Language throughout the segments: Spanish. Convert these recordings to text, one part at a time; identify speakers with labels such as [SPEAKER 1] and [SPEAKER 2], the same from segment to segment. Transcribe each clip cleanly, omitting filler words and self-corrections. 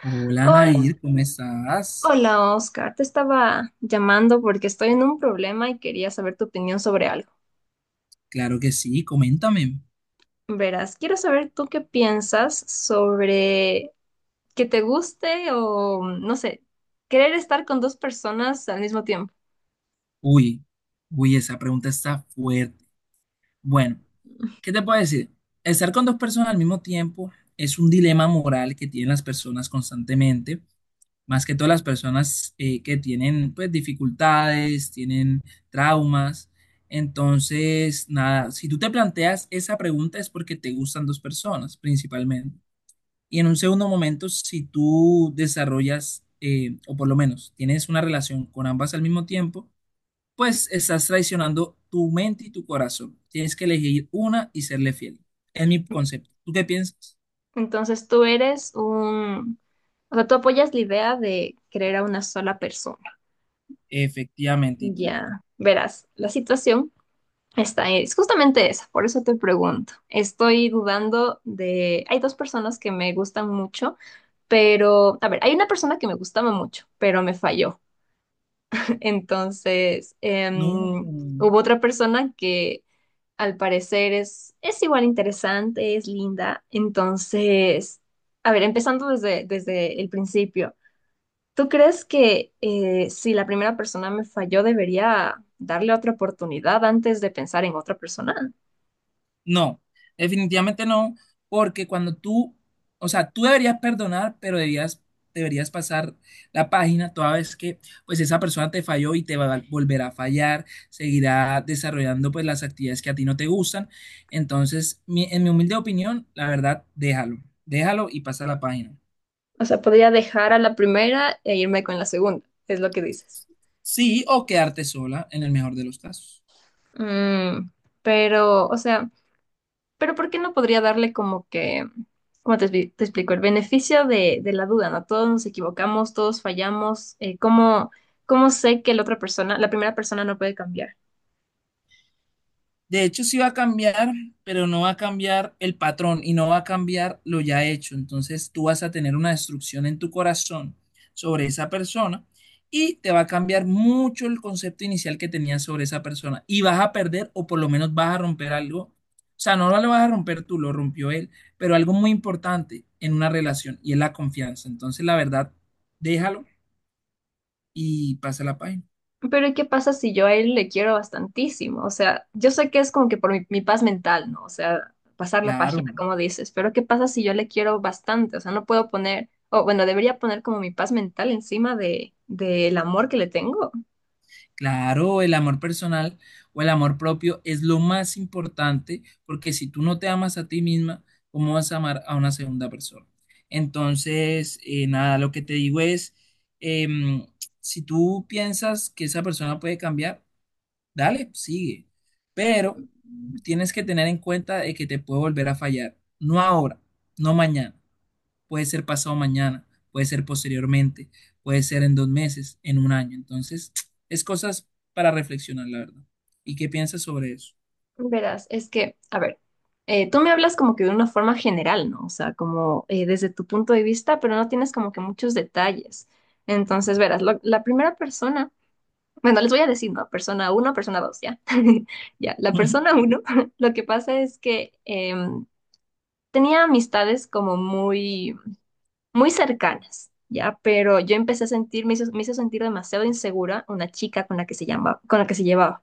[SPEAKER 1] Hola
[SPEAKER 2] Hola,
[SPEAKER 1] Nair, ¿cómo estás?
[SPEAKER 2] hola Oscar, te estaba llamando porque estoy en un problema y quería saber tu opinión sobre algo.
[SPEAKER 1] Claro que sí, coméntame.
[SPEAKER 2] Verás, quiero saber tú qué piensas sobre que te guste o, no sé, querer estar con dos personas al mismo tiempo.
[SPEAKER 1] Uy, uy, esa pregunta está fuerte. Bueno, ¿qué te puedo decir? Estar con dos personas al mismo tiempo es un dilema moral que tienen las personas constantemente, más que todas las personas que tienen pues dificultades, tienen traumas. Entonces, nada, si tú te planteas esa pregunta es porque te gustan dos personas principalmente. Y en un segundo momento, si tú desarrollas, o por lo menos tienes una relación con ambas al mismo tiempo, pues estás traicionando tu mente y tu corazón. Tienes que elegir una y serle fiel. Es mi concepto. ¿Tú qué piensas?
[SPEAKER 2] Entonces o sea, tú apoyas la idea de querer a una sola persona.
[SPEAKER 1] Efectivamente. ¿Y tú?
[SPEAKER 2] Ya, verás, la situación. Es justamente esa, por eso te pregunto. Estoy dudando de... Hay dos personas que me gustan mucho, pero... A ver, hay una persona que me gustaba mucho, pero me falló. Entonces,
[SPEAKER 1] No.
[SPEAKER 2] hubo otra persona que al parecer es igual interesante, es linda. Entonces, a ver, empezando desde el principio. ¿Tú crees que si la primera persona me falló, debería darle otra oportunidad antes de pensar en otra persona?
[SPEAKER 1] No, definitivamente no, porque o sea, tú deberías perdonar, pero deberías pasar la página toda vez que pues esa persona te falló y te va a volver a fallar, seguirá desarrollando pues las actividades que a ti no te gustan. Entonces, en mi humilde opinión, la verdad, déjalo y pasa la página.
[SPEAKER 2] O sea, podría dejar a la primera e irme con la segunda, es lo que dices.
[SPEAKER 1] Sí, o quedarte sola en el mejor de los casos.
[SPEAKER 2] Mm, pero, o sea... Pero ¿por qué no podría darle como que, ¿cómo te, te explico? El beneficio de la duda, ¿no? Todos nos equivocamos, todos fallamos. ¿Cómo, cómo sé que la otra persona, la primera persona no puede cambiar?
[SPEAKER 1] De hecho, sí va a cambiar, pero no va a cambiar el patrón y no va a cambiar lo ya hecho. Entonces, tú vas a tener una destrucción en tu corazón sobre esa persona y te va a cambiar mucho el concepto inicial que tenías sobre esa persona y vas a perder o por lo menos vas a romper algo. O sea, no lo vas a romper tú, lo rompió él, pero algo muy importante en una relación y es la confianza. Entonces, la verdad, déjalo y pasa la página.
[SPEAKER 2] Pero ¿qué pasa si yo a él le quiero bastantísimo? O sea, yo sé que es como que por mi paz mental, ¿no? O sea, pasar la
[SPEAKER 1] Claro,
[SPEAKER 2] página,
[SPEAKER 1] ¿no?
[SPEAKER 2] como dices, pero ¿qué pasa si yo le quiero bastante? O sea, no puedo poner, o bueno, debería poner como mi paz mental encima del amor que le tengo.
[SPEAKER 1] Claro, el amor personal o el amor propio es lo más importante porque si tú no te amas a ti misma, ¿cómo vas a amar a una segunda persona? Entonces, nada, lo que te digo es, em, si tú piensas que esa persona puede cambiar, dale, sigue, pero tienes que tener en cuenta de que te puede volver a fallar, no ahora, no mañana, puede ser pasado mañana, puede ser posteriormente, puede ser en dos meses, en un año. Entonces, es cosas para reflexionar, la verdad. ¿Y qué piensas sobre eso?
[SPEAKER 2] Verás, es que, a ver, tú me hablas como que de una forma general, ¿no? O sea, como desde tu punto de vista, pero no tienes como que muchos detalles. Entonces, verás, la primera persona, bueno, les voy a decir, ¿no? Persona uno, persona dos, ¿ya? Ya, la persona uno, lo que pasa es que em, tenía amistades como muy cercanas, ¿ya? Pero yo empecé a sentir, me hizo sentir demasiado insegura una chica con la que se llama, con la que se llevaba.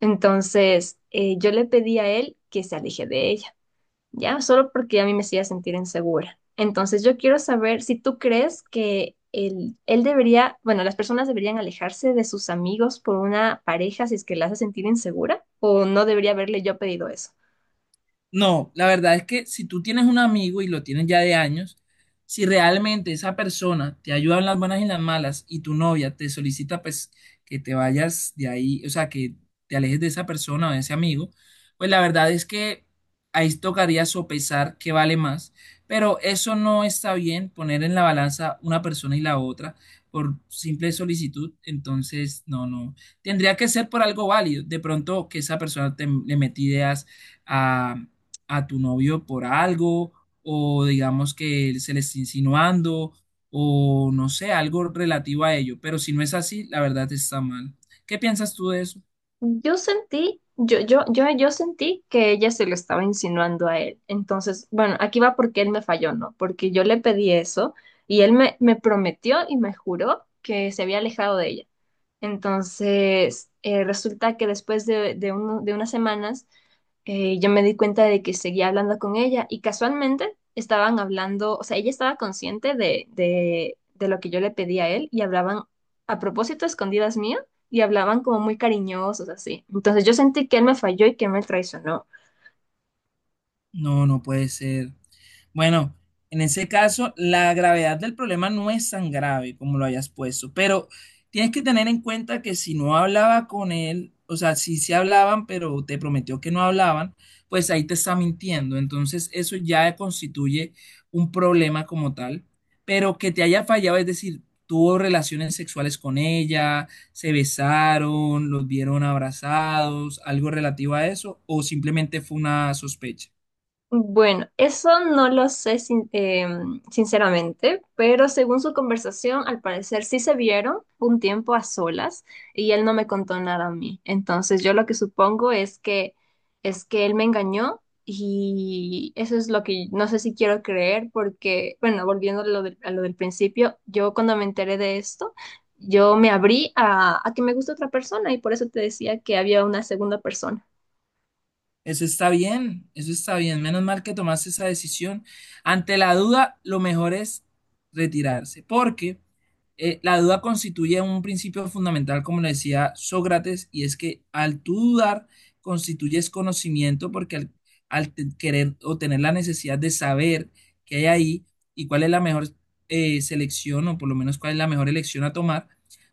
[SPEAKER 2] Entonces, yo le pedí a él que se aleje de ella, ¿ya? Solo porque a mí me hacía sentir insegura. Entonces, yo quiero saber si tú crees que él debería, bueno, las personas deberían alejarse de sus amigos por una pareja si es que la hace sentir insegura, o no debería haberle yo pedido eso.
[SPEAKER 1] No, la verdad es que si tú tienes un amigo y lo tienes ya de años, si realmente esa persona te ayuda en las buenas y en las malas y tu novia te solicita pues que te vayas de ahí, o sea, que te alejes de esa persona o de ese amigo, pues la verdad es que ahí tocaría sopesar qué vale más, pero eso no está bien poner en la balanza una persona y la otra por simple solicitud, entonces no, no, tendría que ser por algo válido, de pronto que esa persona te, le mete ideas a a tu novio por algo o digamos que él se le está insinuando o no sé, algo relativo a ello. Pero si no es así, la verdad está mal. ¿Qué piensas tú de eso?
[SPEAKER 2] Yo sentí, yo sentí que ella se lo estaba insinuando a él. Entonces, bueno, aquí va porque él me falló, ¿no? Porque yo le pedí eso y él me prometió y me juró que se había alejado de ella. Entonces, resulta que después de unas semanas, yo me di cuenta de que seguía hablando con ella y casualmente estaban hablando, o sea, ella estaba consciente de lo que yo le pedí a él y hablaban a propósito a escondidas mías y hablaban como muy cariñosos, así. Entonces, yo sentí que él me falló y que me traicionó.
[SPEAKER 1] No, no puede ser. Bueno, en ese caso, la gravedad del problema no es tan grave como lo hayas puesto, pero tienes que tener en cuenta que si no hablaba con él, o sea, si se hablaban, pero te prometió que no hablaban, pues ahí te está mintiendo. Entonces, eso ya constituye un problema como tal, pero que te haya fallado, es decir, tuvo relaciones sexuales con ella, se besaron, los vieron abrazados, algo relativo a eso, o simplemente fue una sospecha.
[SPEAKER 2] Bueno, eso no lo sé sinceramente, pero según su conversación, al parecer sí se vieron un tiempo a solas y él no me contó nada a mí. Entonces yo lo que supongo es que él me engañó y eso es lo que no sé si quiero creer porque, bueno, volviendo a a lo del principio, yo cuando me enteré de esto, yo me abrí a que me gusta otra persona y por eso te decía que había una segunda persona.
[SPEAKER 1] Eso está bien, eso está bien. Menos mal que tomaste esa decisión. Ante la duda, lo mejor es retirarse, porque la duda constituye un principio fundamental, como le decía Sócrates, y es que al tú dudar, constituyes conocimiento, porque querer o tener la necesidad de saber qué hay ahí y cuál es la mejor selección, o por lo menos cuál es la mejor elección a tomar,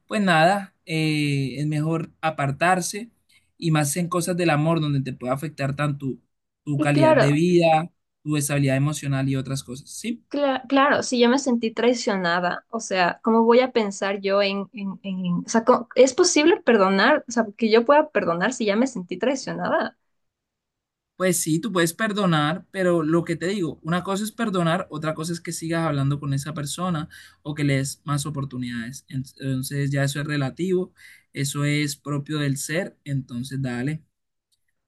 [SPEAKER 1] pues nada, es mejor apartarse y más en cosas del amor, donde te puede afectar tanto tu
[SPEAKER 2] Y
[SPEAKER 1] calidad de
[SPEAKER 2] claro.
[SPEAKER 1] vida, tu estabilidad emocional y otras cosas, ¿sí?
[SPEAKER 2] Claro, sí, yo me sentí traicionada, o sea, ¿cómo voy a pensar yo o sea, ¿es posible perdonar? O sea, que yo pueda perdonar si ya me sentí traicionada.
[SPEAKER 1] Pues sí, tú puedes perdonar, pero lo que te digo, una cosa es perdonar, otra cosa es que sigas hablando con esa persona o que le des más oportunidades. Entonces ya eso es relativo, eso es propio del ser, entonces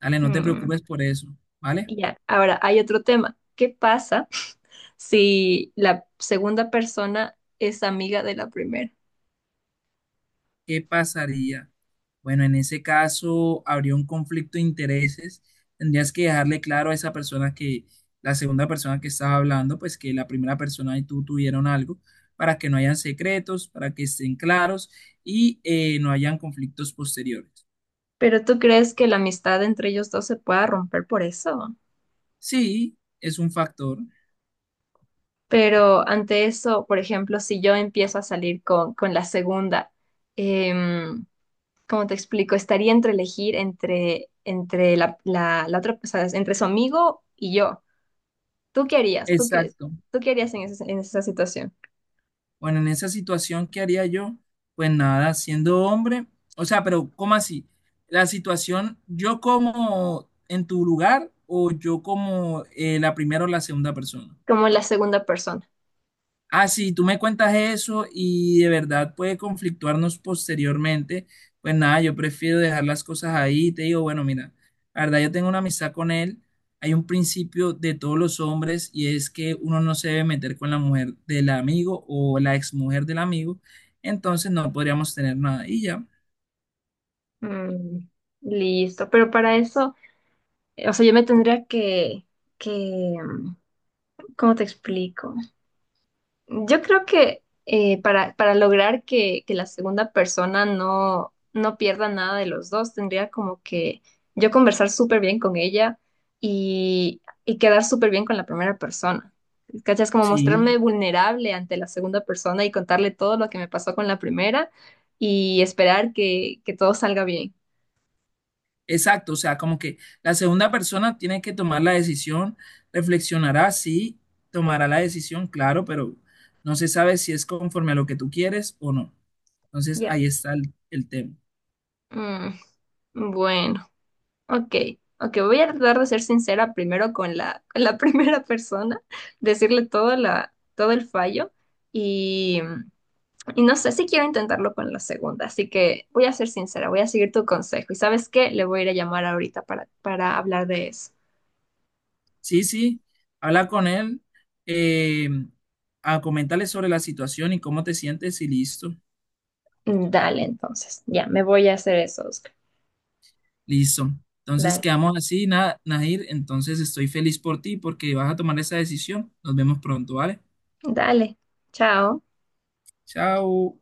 [SPEAKER 1] dale, no te
[SPEAKER 2] Mm,
[SPEAKER 1] preocupes por eso, ¿vale?
[SPEAKER 2] y ya, ahora hay otro tema. ¿Qué pasa si la segunda persona es amiga de la primera?
[SPEAKER 1] ¿Qué pasaría? Bueno, en ese caso habría un conflicto de intereses. Tendrías que dejarle claro a esa persona que la segunda persona que estaba hablando, pues que la primera persona y tú tuvieron algo para que no hayan secretos, para que estén claros y no hayan conflictos posteriores.
[SPEAKER 2] Pero ¿tú crees que la amistad entre ellos dos se pueda romper por eso?
[SPEAKER 1] Sí, es un factor.
[SPEAKER 2] Pero ante eso, por ejemplo, si yo empiezo a salir con la segunda, em, ¿cómo te explico? Estaría entre elegir entre, entre la otra, o sea, entre su amigo y yo. ¿Tú qué harías?
[SPEAKER 1] Exacto.
[SPEAKER 2] ¿Tú qué harías en esa situación?
[SPEAKER 1] Bueno, en esa situación, ¿qué haría yo? Pues nada, siendo hombre, o sea, pero ¿cómo así? La situación, ¿yo como en tu lugar o yo como la primera o la segunda persona?
[SPEAKER 2] Como la segunda persona.
[SPEAKER 1] Ah, sí, tú me cuentas eso y de verdad puede conflictuarnos posteriormente. Pues nada, yo prefiero dejar las cosas ahí. Te digo, bueno, mira, la verdad yo tengo una amistad con él. Hay un principio de todos los hombres y es que uno no se debe meter con la mujer del amigo o la exmujer del amigo. Entonces no podríamos tener nada. Y ya,
[SPEAKER 2] Mm, listo. Pero para eso, o sea, yo me tendría que, mm, ¿cómo te explico? Yo creo que para lograr que la segunda persona no pierda nada de los dos, tendría como que yo conversar súper bien con ella y quedar súper bien con la primera persona. ¿Cachas? Como
[SPEAKER 1] sí.
[SPEAKER 2] mostrarme vulnerable ante la segunda persona y contarle todo lo que me pasó con la primera y esperar que todo salga bien.
[SPEAKER 1] Exacto, o sea, como que la segunda persona tiene que tomar la decisión, reflexionará, sí, tomará la decisión, claro, pero no se sabe si es conforme a lo que tú quieres o no. Entonces,
[SPEAKER 2] Ya.
[SPEAKER 1] ahí está el tema.
[SPEAKER 2] Mm, bueno. Ok, ok, voy a tratar de ser sincera primero con con la primera persona, decirle todo, la, todo el fallo y, y no sé si quiero intentarlo con la segunda, así que voy a ser sincera, voy a seguir tu consejo y ¿sabes qué? Le voy a ir a llamar ahorita para hablar de eso.
[SPEAKER 1] Sí, sí, habla con él, eh, coméntale sobre la situación y cómo te sientes y
[SPEAKER 2] Dale, entonces, ya, me voy a hacer eso, Oscar.
[SPEAKER 1] listo. Entonces,
[SPEAKER 2] Dale,
[SPEAKER 1] quedamos así, nada, Nahir, entonces estoy feliz por ti porque vas a tomar esa decisión. Nos vemos pronto, ¿vale?
[SPEAKER 2] dale, chao.
[SPEAKER 1] Chao.